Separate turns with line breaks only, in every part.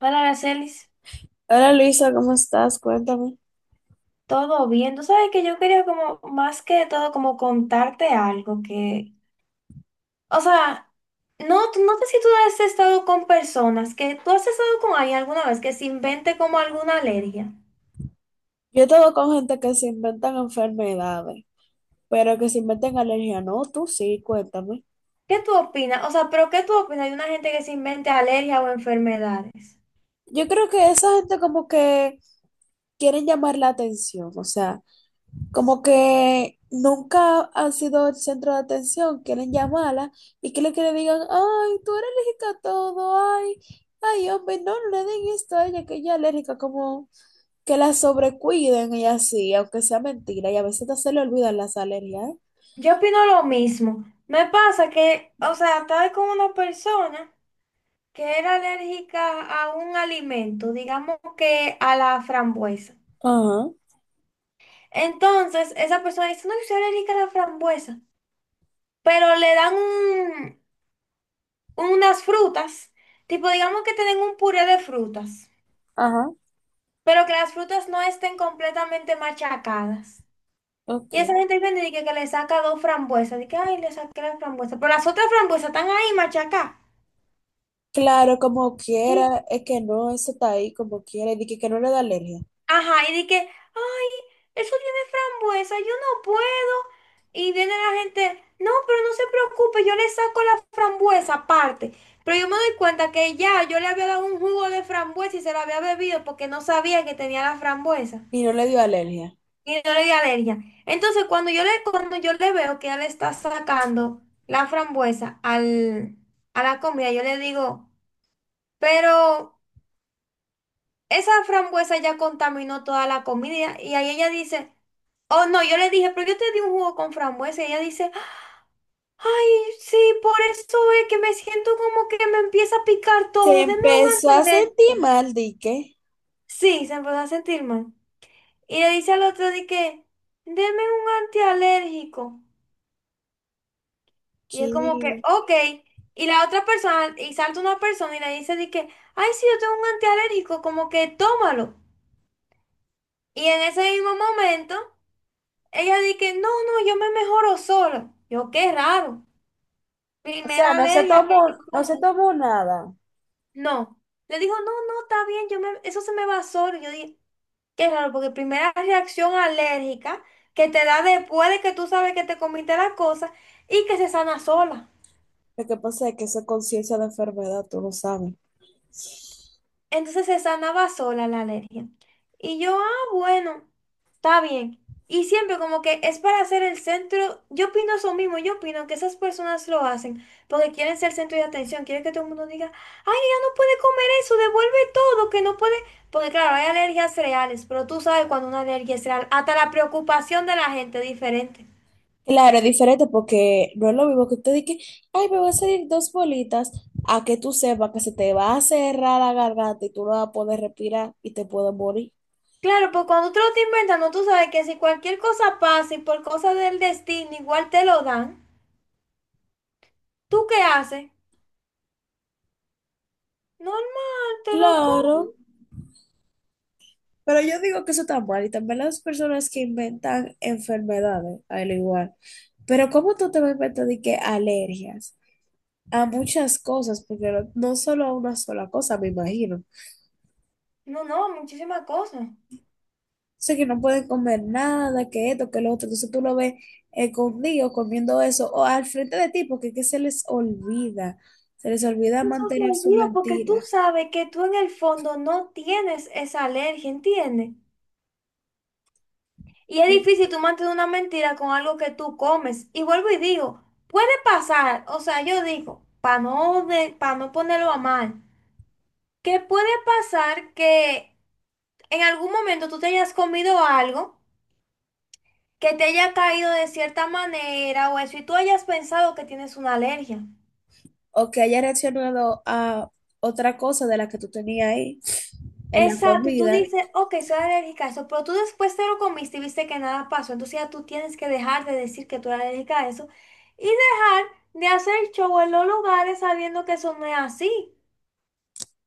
Hola, Aracelis,
Hola Luisa, ¿cómo estás? Cuéntame.
todo bien. Tú sabes que yo quería como, más que todo, como contarte algo que, o sea, no, no sé si tú has estado con personas, que tú has estado con alguien alguna vez que se invente como alguna alergia.
Yo he estado con gente que se inventan enfermedades, pero que se inventan alergia. No, tú sí, cuéntame.
¿Qué tú opinas? O sea, pero ¿qué tú opinas de una gente que se invente alergia o enfermedades?
Yo creo que esa gente como que quieren llamar la atención, o sea, como que nunca han sido el centro de atención, quieren llamarla y que le digan, ay, tú eres alérgica a todo, ay, ay, hombre, no, no le den esto a ella, que ella es alérgica, como que la sobrecuiden y así, aunque sea mentira, y a veces hasta se le olvidan las alergias. ¿Eh?
Yo opino lo mismo. Me pasa que, o sea, estaba con una persona que era alérgica a un alimento, digamos que a la frambuesa.
Ajá.
Entonces, esa persona dice, no, yo soy alérgica a la frambuesa, pero le dan unas frutas, tipo, digamos que tienen un puré de frutas,
Ajá,
pero que las frutas no estén completamente machacadas. Y esa
ok.
gente viene y dice que, le saca dos frambuesas, dice que, ay, le saqué la frambuesa, pero las otras frambuesas están ahí machacadas.
Claro, como quiera, es que no, eso está ahí como quiera, y dije que no le da alergia,
Ajá, y dije, ay, eso tiene frambuesa, yo no puedo. Y viene la gente, no, pero no se preocupe, yo le saco la frambuesa aparte. Pero yo me doy cuenta que ya yo le había dado un jugo de frambuesa y se lo había bebido porque no sabía que tenía la frambuesa.
y no le dio alergia.
Y no le di alergia. Entonces, cuando yo le veo que ella le está sacando la a la comida, yo le digo, pero. Esa frambuesa ya contaminó toda la comida y ahí ella dice, oh no, yo le dije, pero yo te di un jugo con frambuesa y ella dice, ay, sí, por eso es que me siento como que me empieza a picar
Se
todo, deme un
empezó a sentir
antialérgico.
mal, dije,
Sí, se empezó a sentir mal. Y le dice al otro de que, deme un antialérgico. Y es como que,
que,
ok. Y la otra persona, y salta una persona y le dice de que, ay, sí, yo tengo un antialérgico, como que tómalo. Y en ese mismo momento... Ella dice que no, no, yo me mejoro sola. Yo, qué raro.
o sea,
Primera
no se
alergia que
tomó, no se
yo
tomó nada.
no. Le dijo, no, no, está bien, yo me, eso se me va solo. Yo dije, qué raro, porque primera reacción alérgica que te da después de que tú sabes que te comiste la cosa y que se sana sola.
Lo que pasa es que eso es conciencia de enfermedad, tú lo sabes.
Entonces se sanaba sola la alergia. Y yo, ah, bueno, está bien. Y siempre como que es para ser el centro, yo opino eso mismo, yo opino que esas personas lo hacen porque quieren ser centro de atención, quieren que todo el mundo diga, ay, ella no puede comer eso, devuelve todo, que no puede, porque claro, hay alergias reales, pero tú sabes cuando una alergia es real, hasta la preocupación de la gente es diferente.
Claro, es diferente porque no es lo mismo que tú digas, ay, me van a salir dos bolitas, a que tú sepas que se te va a cerrar la garganta y tú no vas a poder respirar y te puedes morir.
Claro, pues cuando tú lo estás inventando, tú sabes que si cualquier cosa pasa y por cosa del destino igual te lo dan, ¿tú qué haces? Normal, te lo
Claro.
como.
Pero yo digo que eso está mal y también las personas que inventan enfermedades, al igual. Pero ¿cómo tú te vas a inventar de que alergias a muchas cosas? Porque no solo a una sola cosa, me imagino.
No, no, muchísimas cosas.
Sé que no pueden comer nada, que esto, que lo otro. Entonces tú lo ves escondido comiendo eso o al frente de ti porque es que se les olvida. Se les olvida
Eso se
mantener su
olvida porque tú
mentira
sabes que tú en el fondo no tienes esa alergia, ¿entiendes? Y es difícil tú mantener una mentira con algo que tú comes. Y vuelvo y digo, puede pasar, o sea, yo digo, para no, de, pa no ponerlo a mal, que puede pasar que en algún momento tú te hayas comido algo que te haya caído de cierta manera o eso, y tú hayas pensado que tienes una alergia.
o que haya reaccionado a otra cosa de la que tú tenías ahí en la
Exacto, y tú
comida.
dices, ok, soy alérgica a eso, pero tú después te lo comiste y viste que nada pasó, entonces ya tú tienes que dejar de decir que tú eres alérgica a eso y dejar de hacer show en los lugares sabiendo que eso no es así.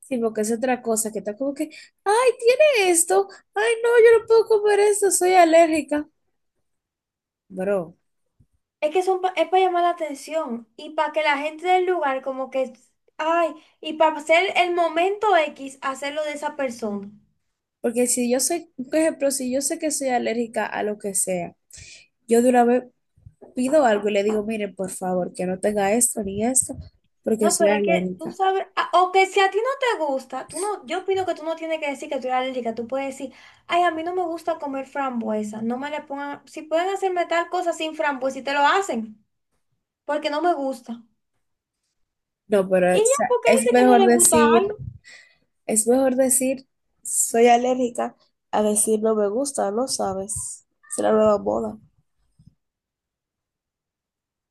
Sí, porque es otra cosa que está como que, ay, tiene esto, ay, no, yo no puedo comer esto, soy alérgica, bro.
Es que es para llamar la atención y para que la gente del lugar como que, ay, y para hacer el momento X, hacerlo de esa persona.
Porque si yo sé, por ejemplo, si yo sé que soy alérgica a lo que sea, yo de una vez pido algo y le digo, miren, por favor, que no tenga esto ni esto, porque
No,
soy
pero es que tú
alérgica.
sabes, ah, o que si a ti no te gusta, tú no, yo opino que tú no tienes que decir que tú eres alérgica, tú puedes decir, ay, a mí no me gusta comer frambuesa, no me le pongan, si pueden hacerme tal cosa sin frambuesa y te lo hacen, porque no me gusta.
No, pero
Y
o
ya,
sea,
porque hay
es
gente que no
mejor
le gusta
decir,
algo.
es mejor decir, soy alérgica a decir no me gusta, no sabes. Es la nueva moda.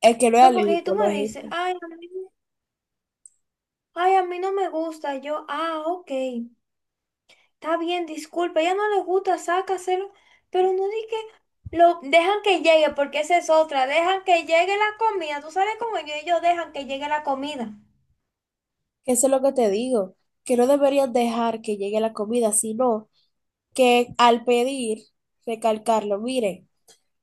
El que no es
No, porque si tú
alérgico no
me
es
dices,
gente.
ay, a mí no me gusta, yo, ah, ok. Está bien, disculpa, ya no le gusta, sácaselo, pero no di que lo dejan que llegue, porque esa es otra, dejan que llegue la comida, tú sabes cómo yo, ellos dejan que llegue la comida.
Eso es lo que te digo, que no deberías dejar que llegue la comida, sino que al pedir, recalcarlo, mire,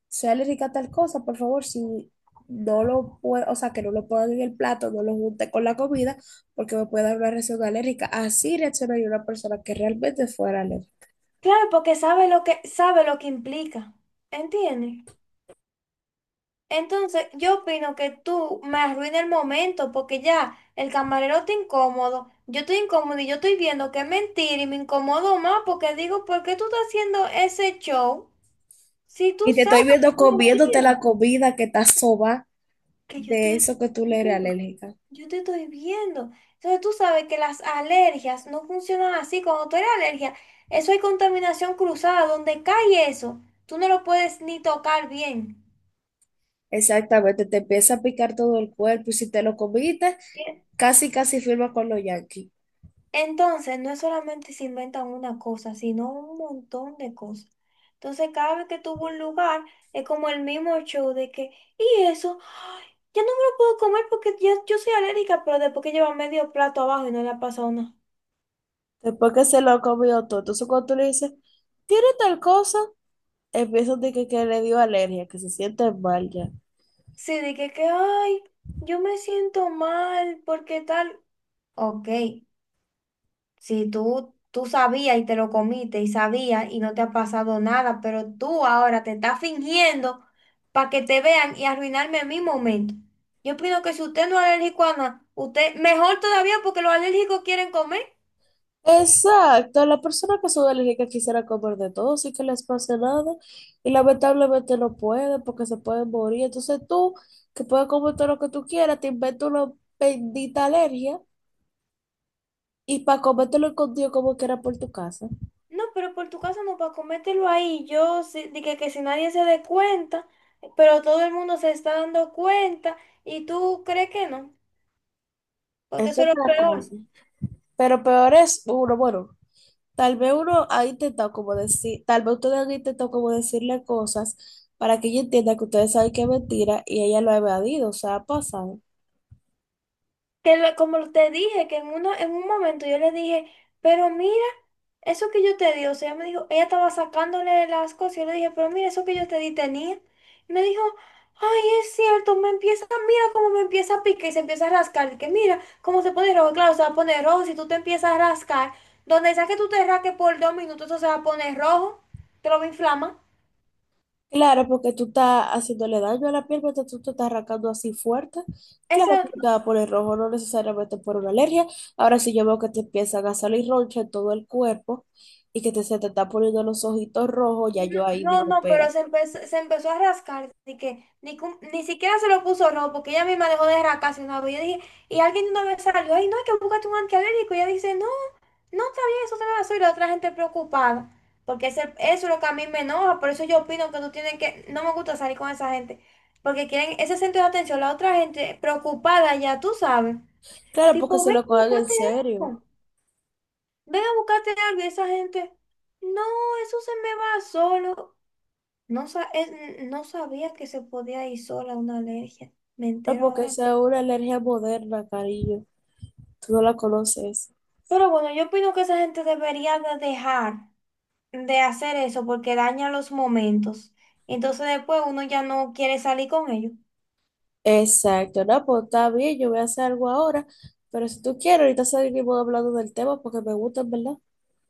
sale rica tal cosa, por favor, si no lo puedo, o sea, que no lo pongan en el plato, no lo junte con la comida, porque me puede dar una reacción alérgica. Así reaccionaría una persona que realmente fuera alérgica.
Claro, porque sabe lo que implica, ¿entiendes? Entonces, yo opino que tú me arruinas el momento, porque ya el camarero está incómodo, yo estoy incómodo y yo estoy viendo que es mentira y me incomodo más porque digo, ¿por qué tú estás haciendo ese show si tú
Y te estoy
sabes
viendo
que es
comiéndote la
mentira?
comida que está soba
Que yo te
de
la estoy
eso que tú le eres
diciendo.
alérgica.
Yo te estoy viendo. Entonces tú sabes que las alergias no funcionan así. Cuando tú eres alergia, eso hay contaminación cruzada. Donde cae eso, tú no lo puedes ni tocar bien.
Exactamente, te empieza a picar todo el cuerpo y si te lo comiste,
Bien.
casi casi firma con los yankees.
Entonces, no es solamente se inventan una cosa, sino un montón de cosas. Entonces, cada vez que tuvo un lugar, es como el mismo show de que, y eso, ay, ya no me lo puedo comer porque ya, yo soy alérgica, pero después que lleva medio plato abajo y no le ha pasado nada.
Después que se lo comió todo. Entonces, cuando tú le dices, tiene tal cosa, empiezan de que le dio alergia, que se siente mal ya.
Sí, dije que, ay, yo me siento mal, porque tal. Ok, si tú, tú sabías y te lo comiste y sabías y no te ha pasado nada, pero tú ahora te estás fingiendo para que te vean y arruinarme mi momento. Yo opino que si usted no es alérgico a nada, usted, mejor todavía porque los alérgicos quieren comer.
Exacto, la persona que son alérgicas quisiera comer de todo, sin que les pase nada, y lamentablemente no puede porque se pueden morir. Entonces, tú, que puedes comer todo lo que tú quieras, te inventas una bendita alergia y para comértelo escondido como quiera por tu casa.
No, pero por tu casa no, para comértelo ahí. Yo sí, dije que si nadie se dé cuenta, pero todo el mundo se está dando cuenta y tú crees que no. Porque
Es
eso es lo
otra
peor.
cosa. Pero peor es, uno, bueno, tal vez uno ahí intentado como decir, tal vez ustedes han intentado como decirle cosas para que ella entienda que ustedes saben que es mentira y ella lo ha evadido, o sea, ha pasado.
Que como te dije, en un momento yo le dije, pero mira, eso que yo te di, o sea, ella me dijo, ella estaba sacándole las cosas, yo le dije, pero mira, eso que yo te di tenía. Y me dijo, ay, es cierto, me empieza, mira cómo me empieza a picar y se empieza a rascar. Y que mira cómo se pone rojo, claro, se va a poner rojo, si tú te empiezas a rascar, donde sea que tú te rasques por 2 minutos, eso se va a poner rojo, te lo va a inflamar.
Claro, porque tú estás haciéndole daño a la piel mientras tú te estás arrancando así fuerte. Claro
Eso,
que tú te vas a poner rojo, no necesariamente por una alergia. Ahora sí yo veo que te empiezan a salir roncha en todo el cuerpo y que te, se te está poniendo los ojitos rojos, ya yo ahí
no,
digo,
no,
espera.
pero se empezó a rascar, así que ni, ni siquiera se lo puso rojo, porque ella misma dejó de rascarse una vez. Yo dije, y alguien de una vez salió, ay, no, hay que buscarte un antialérgico. Y ella dice, no, no, está bien, eso te lo hacer. Y la otra gente preocupada, porque eso es lo que a mí me enoja, por eso yo opino que tú tienes que, no me gusta salir con esa gente, porque quieren ese centro de atención, la otra gente preocupada ya, tú sabes.
Claro, porque
Tipo,
se
ven
lo
a
cogen en
buscarte
serio.
algo, ven a buscarte algo, y esa gente, no, eso se me va solo. No, no sabía que se podía ir sola a una alergia. Me
No,
entero
porque
ahora.
esa es una alergia moderna, cariño. Tú no la conoces.
Pero bueno, yo opino que esa gente debería de dejar de hacer eso porque daña los momentos. Entonces después uno ya no quiere salir con ellos.
Exacto. No, pues está bien, yo voy a hacer algo ahora. Pero si tú quieres, ahorita seguimos hablando del tema porque me gusta, ¿en verdad?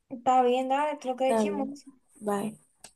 Está bien, dale, creo que es
Está bien.
chismoso.
Bye.